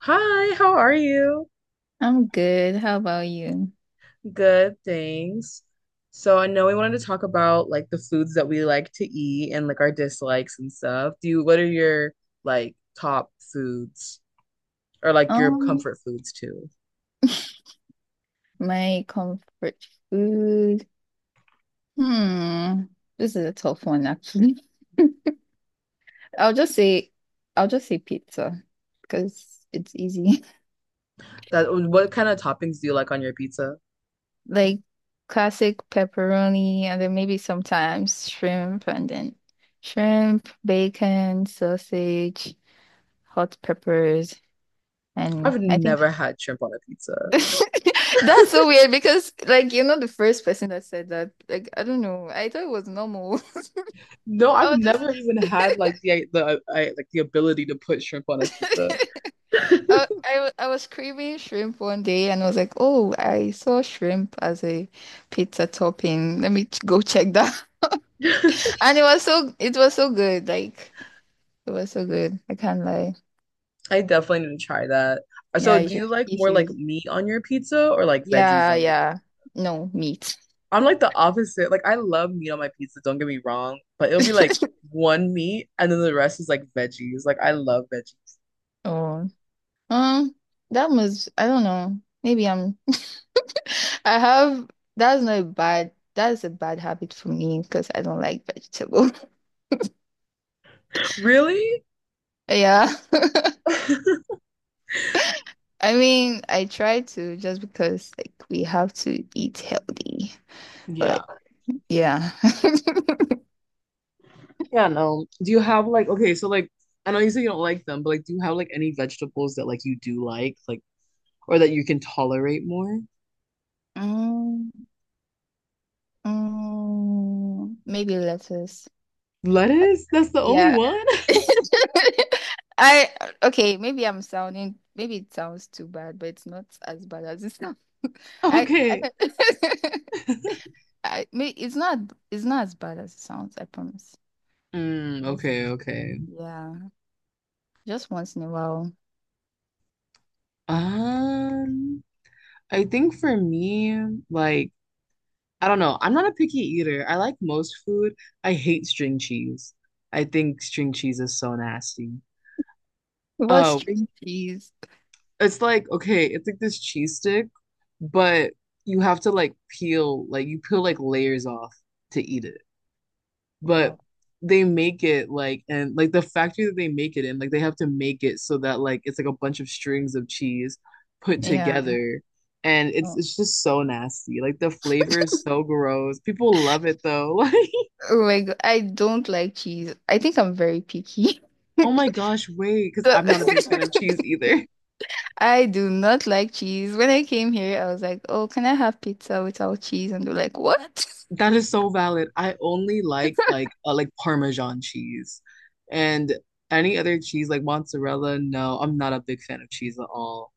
Hi, how are you? I'm good. How about you? Good, thanks. So I know we wanted to talk about like the foods that we like to eat and like our dislikes and stuff. What are your like top foods or like your Um, comfort foods too? my comfort food. Hmm. This is a tough one, actually. I'll just say, I'll just say pizza because it's easy. That what kind of toppings do you like on your pizza? Like classic pepperoni, and then maybe sometimes shrimp, and then shrimp, bacon, sausage, hot peppers, and I've I think. never had shrimp on a pizza. That's so weird because, like, you're not the first person that said that. Like, I don't know. I thought it was normal. No, I've I was never even had just. like the like the ability to put shrimp on a pizza. I was craving shrimp one day and I was like, oh, I saw shrimp as a pizza topping. Let me go check that. And it was so good. Like it was so good. I can't lie. I definitely need to try that. So, Yeah, you do you should, like you more like should. meat on your pizza or like veggies Yeah, on your? yeah. No meat. I'm like the opposite. Like, I love meat on my pizza, don't get me wrong, but it'll be like one meat and then the rest is like veggies. Like, I love veggies. Oh. Um, that was, I don't know. Maybe I'm I have that's not a bad that is a bad habit for me because I don't like vegetable. Really? Yeah. I mean, I try to just because like we have to eat healthy, Yeah. but yeah. Yeah, no. Do you have like okay, so like I know you say you don't like them, but like do you have like any vegetables that like you do like or that you can tolerate more? Mm, mm, maybe lettuce. I- Lettuce? That's the only Yeah. one? I okay, maybe I'm sounding maybe it sounds too bad, but it's not as bad as it sounds. I, I, Okay. can- I it's not, it's not as bad as it sounds, I promise. Mm, Just- okay, okay. yeah, just once in a while. Um, I think for me, like, I don't know. I'm not a picky eater. I like most food. I hate string cheese. I think string cheese is so nasty. It was Um, string cheese. it's like, okay, it's like this cheese stick, but you have to like peel, like you peel like layers off to eat it. But Wow. they make it like and like the factory that they make it in like they have to make it so that like it's like a bunch of strings of cheese put Yeah. together, and it's just so nasty, like the flavor is so gross. People love it though. Like, Oh my God, I don't like cheese. I think I'm very picky. oh my gosh, wait, because So I'm not a big fan of cheese either. I do not like cheese. When I came here, I was like, "Oh, can I have pizza without cheese?" And they're like, "What?" That is so valid. I only like Parmesan cheese, and any other cheese like mozzarella, no, I'm not a big fan of cheese at all.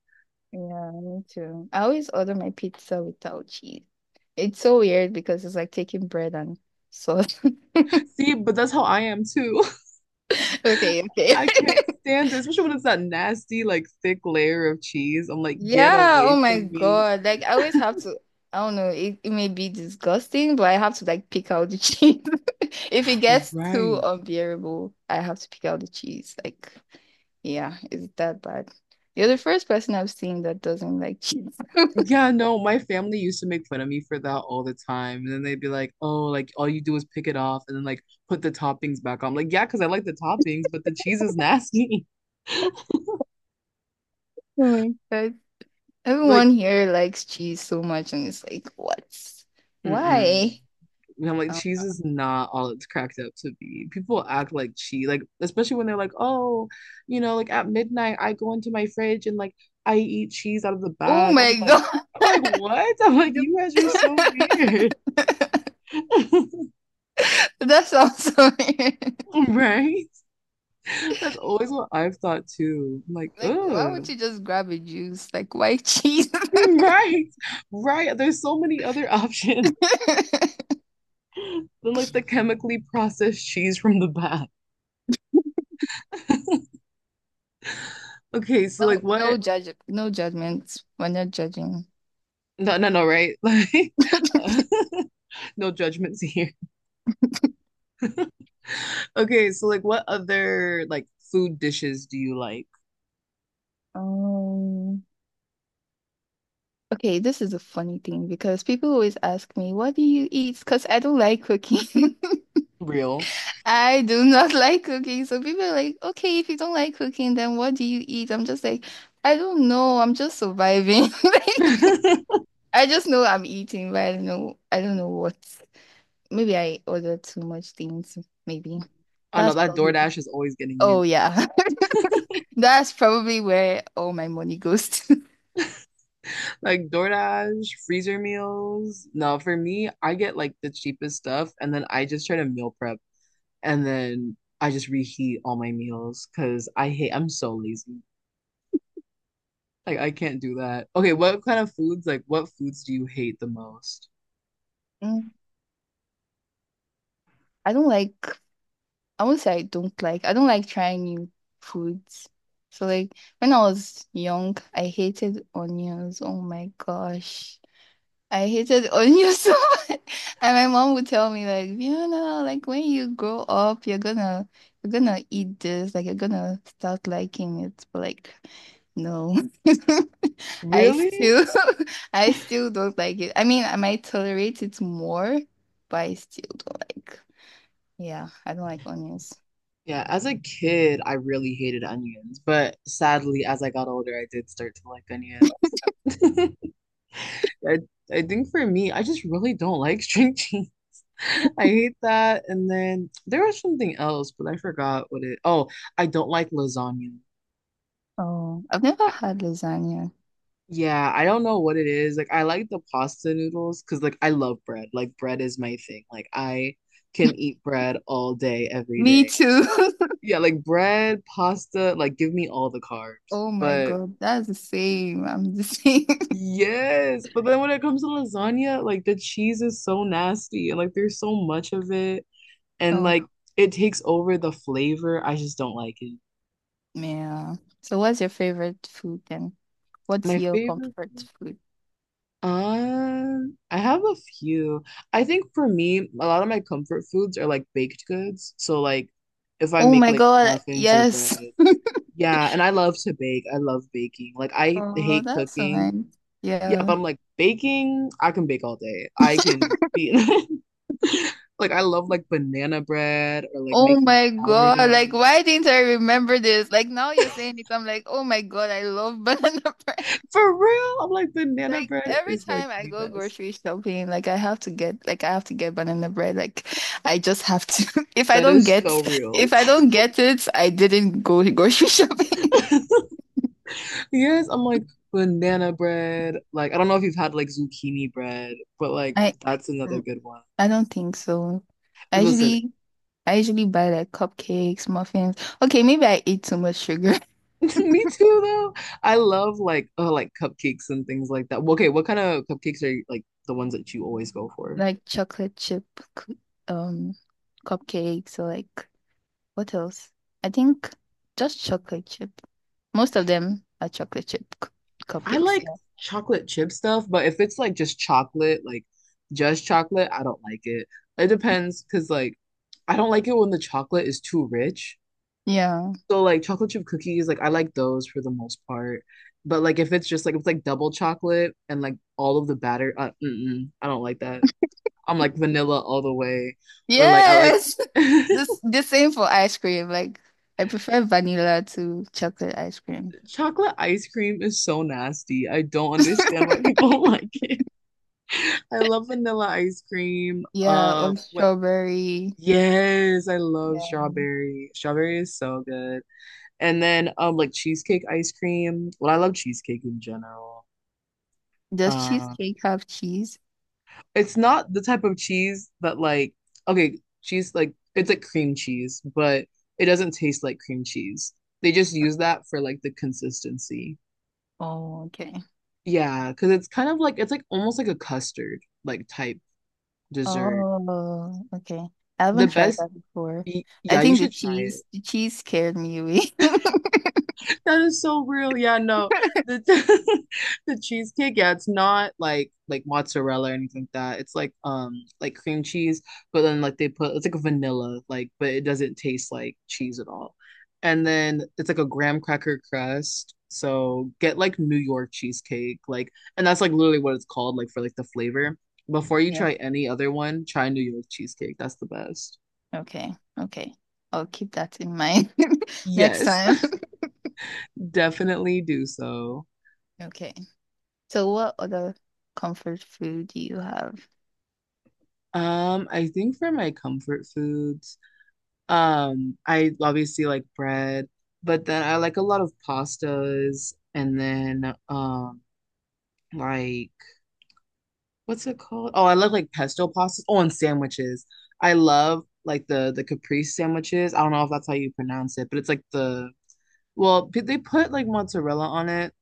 Yeah, me too. I always order my pizza without cheese. It's so weird because it's like taking bread and sauce. See, but that's how I am too. Okay, okay. I can't stand this, especially when it's that nasty, like thick layer of cheese. I'm like, get Yeah, oh away my from me. God. Like I always have to, I don't know, it may be disgusting, but I have to like pick out the cheese. If it gets too Right. unbearable, I have to pick out the cheese. Like, yeah, is it that bad? You're the first person I've seen that doesn't like cheese. Yeah, no, my family used to make fun of me for that all the time. And then they'd be like, oh, like all you do is pick it off and then like put the toppings back on. I'm like, yeah, because I like the toppings, but the cheese is nasty. Oh my God. Like, Everyone here likes cheese so much, and it's like, what? mm-mm. Why? And I'm like, Um, cheese is not all it's cracked up to be. People act like cheese, like especially when they're like, oh, like at midnight I go into my fridge and like I eat cheese out of the oh bag. I'm my like, God. I'm like, what? I'm like, you guys are so weird. The- That sounds so weird. Right? That's always what I've thought too. I'm like, Like, why would ugh. you just grab a juice? Like white cheese? Right. Right. There's so many other options than like the chemically processed cheese from the bag. Okay, so No, like what. No judgment. We're not judging. No, no, no, right? Like, uh, no judgments here. Okay, so like, what other like food dishes do you like? Um, okay, this is a funny thing because people always ask me, "What do you eat?" Because I don't like cooking. Real. I do not like cooking. So people are like, "Okay, if you don't like cooking, then what do you eat?" I'm just like, I don't know. I'm just surviving. Like, I I just know I'm eating, but I don't know. I don't know what. Maybe I order too much things. Maybe know that's that probably DoorDash is always getting Oh you. yeah. That's probably where all my money goes to. Like DoorDash, freezer meals. No, for me, I get like the cheapest stuff and then I just try to meal prep, and then I just reheat all my meals because I hate, I'm so lazy. Like I can't do that. Okay, what kind of foods, like what foods do you hate the most? Mm, I don't like, I don't like trying new foods. So like when I was young, I hated onions. Oh my gosh. I hated onion so much. And my mom would tell me like, Fiona, like when you grow up, you're gonna eat this, like you're gonna start liking it. But like, no. I Really? still I still don't like it. I mean, I might tolerate it more, but I still don't like. Yeah, I don't like onions. Yeah, as a kid, I really hated onions, but sadly, as I got older, I did start to like onions. I, I think for me, I just really don't like string cheese. I hate that. And then there was something else, but I forgot what it. Oh, I don't like lasagna. Oh, I've never I, had lasagna. yeah, I don't know what it is. Like I like the pasta noodles because like I love bread. Like bread is my thing. Like I can eat bread all day, every Me day. too. Yeah, like bread, pasta, like give me all the carbs. Oh my But God, that's the same. I'm the same. Yes, but then when it comes to lasagna, like the cheese is so nasty and like there's so much of it, and Oh. like it takes over the flavor. I just don't like it. Yeah. So what's your favorite food then? What's My your favorite comfort food? I have a few. I think for me, a lot of my comfort foods are like baked goods. So like if I Oh make my like God, muffins or bread. yes. Yeah, and I love to bake. I love baking. Like I Oh, hate that's so cooking. nice. Yeah, but Yeah. I'm like baking, I can bake all day. I can be. Like I love like banana bread or like Oh making my God, like sourdough. why didn't I remember this? Like now you're saying it, I'm like, oh my God, I love banana bread. For real, I'm like banana Like bread every is like time I the go best. grocery shopping, like I have to get banana bread. Like I just have to. That is so real. if I don't get it, I didn't go grocery shopping. Yes, I'm like banana bread. Like I don't know if you've had like zucchini bread, but like that's I another good one. I don't think so. I Listen, usually I usually buy like cupcakes, muffins. Okay, maybe I eat too much sugar. me too though. I love like cupcakes and things like that. Well, okay, what kind of cupcakes are you, like the ones that you always go for? Like chocolate chip cu- um cupcakes or like what else? I think just chocolate chip. Most of them are chocolate chip I cupcakes. like Yeah. chocolate chip stuff, but if it's like just chocolate, I don't like it. It depends because like I don't like it when the chocolate is too rich. Yeah. So like chocolate chip cookies, like I like those for the most part. But like if it's just like if it's like double chocolate and like all of the batter, mm-mm, I don't like that. I'm like vanilla all the way, or like I like. Yes. This the same for ice cream. Like I prefer vanilla to chocolate ice cream. Chocolate ice cream is so nasty. I don't understand why people like it. I love vanilla ice cream. Yeah, or What? strawberry. Yes, I love Yeah. strawberry. Strawberry is so good. And then like cheesecake ice cream. Well, I love cheesecake in general. Does Uh, cheesecake have cheese? it's not the type of cheese that like okay, cheese like it's like cream cheese, but it doesn't taste like cream cheese. They just use that for like the consistency. Oh, okay. Yeah, because it's kind of like it's like almost like a custard like type dessert. Oh, okay. I The haven't tried best, that before. I yeah, you think should try it. The cheese scared me away. That is so real. Yeah, no. The. The cheesecake, yeah, it's not like like mozzarella or anything like that. It's like cream cheese, but then like they put it's like a vanilla, like but it doesn't taste like cheese at all. And then it's like a graham cracker crust. So get like New York cheesecake, like and that's like literally what it's called, like for like the flavor. Before you Yeah. try any other one, try New York cheesecake. That's the best. Okay. Okay. I'll keep that in mind next Yes, time. definitely do so. Okay. So what other comfort food do you have? I think for my comfort foods, I obviously like bread, but then I like a lot of pastas and then like what's it called? Oh, I love like pesto pastas. Oh, and sandwiches. I love like the caprese sandwiches. I don't know if that's how you pronounce it, but it's like the well, they put like mozzarella on it,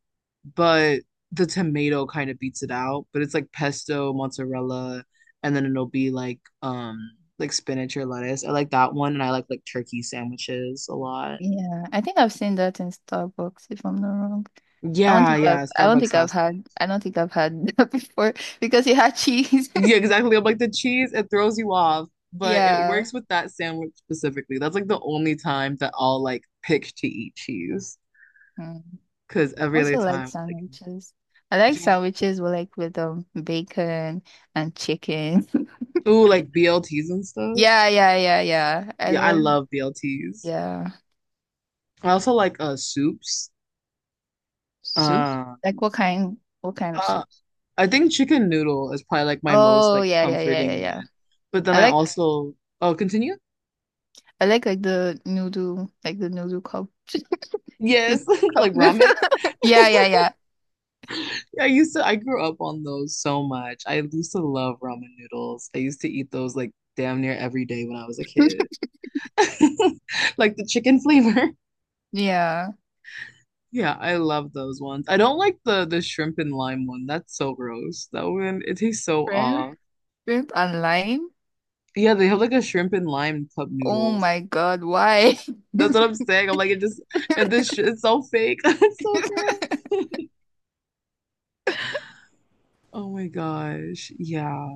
but the tomato kind of beats it out. But it's like pesto, mozzarella, and then it'll be like spinach or lettuce. I like that one, and I like turkey sandwiches a lot. Yeah, I think I've seen that in Starbucks, if I'm not wrong. Yeah, yeah, Starbucks has that. I don't think I've had that before because it had cheese. Yeah, exactly. I'm like the cheese, it throws you off, but it Yeah. works with that sandwich specifically. That's like the only time that I'll like pick to eat cheese, Mm. because I every other also like time, like sandwiches. I like yeah, sandwiches with with bacon and chicken. ooh, like BLTs and stuff. Yeah, yeah, yeah, yeah. I Yeah, I love love BLTs. yeah. I also like soups. Soup? Um, Like what kind of Uh, soup? I think chicken noodle is probably like my most Oh like yeah, yeah, yeah, yeah, comforting yeah. one. But then I I like also, oh, continue? I like the noodle cup. The Yes, noodle cup like noodle. ramen. Yeah, yeah, yeah. I used to I grew up on those so much. I used to love ramen noodles. I used to eat those like damn near every day when I was a kid. Like the chicken flavor. Yeah. Yeah, I love those ones. I don't like the shrimp and lime one. That's so gross. That one it tastes so Shrimp, off. shrimp and lime. Yeah, they have like a shrimp and lime cup Oh noodles. my God, why? That's what I'm saying. I'm like, it just and this shit is so fake. It's so bad. Oh my gosh. Yeah.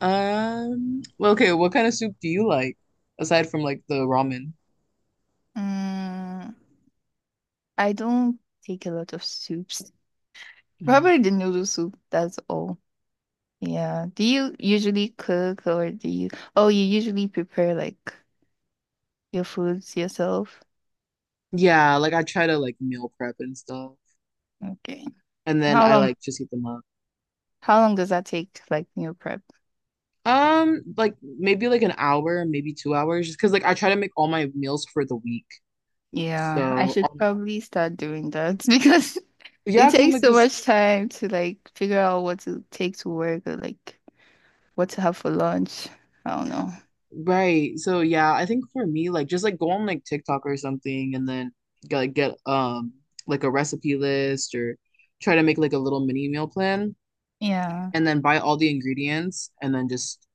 Well, okay, what kind of soup do you like aside from like the ramen? Mm, I don't take a lot of soups. Mm. Probably the noodle soup, that's all. Yeah. Do you usually cook or do you, oh, you usually prepare like your foods yourself? Yeah, like I try to like meal prep and stuff, Okay. and then How I long, like just heat them up. how long does that take, like meal prep? Like maybe like an hour, maybe 2 hours, just because like I try to make all my meals for the week. Yeah, I So should probably start doing that because yeah, it because I'm takes like so just. much time to like figure out what to take to work or like what to have for lunch. I don't know. Right. So yeah, I think for me, like just like go on like TikTok or something and then get like a recipe list or try to make like a little mini meal plan Yeah. and then buy all the ingredients and then just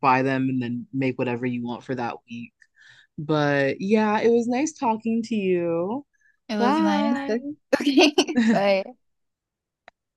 buy them and then make whatever you want for that week. But yeah, it was nice talking to you. It was nice. Bye. Okay. Bye.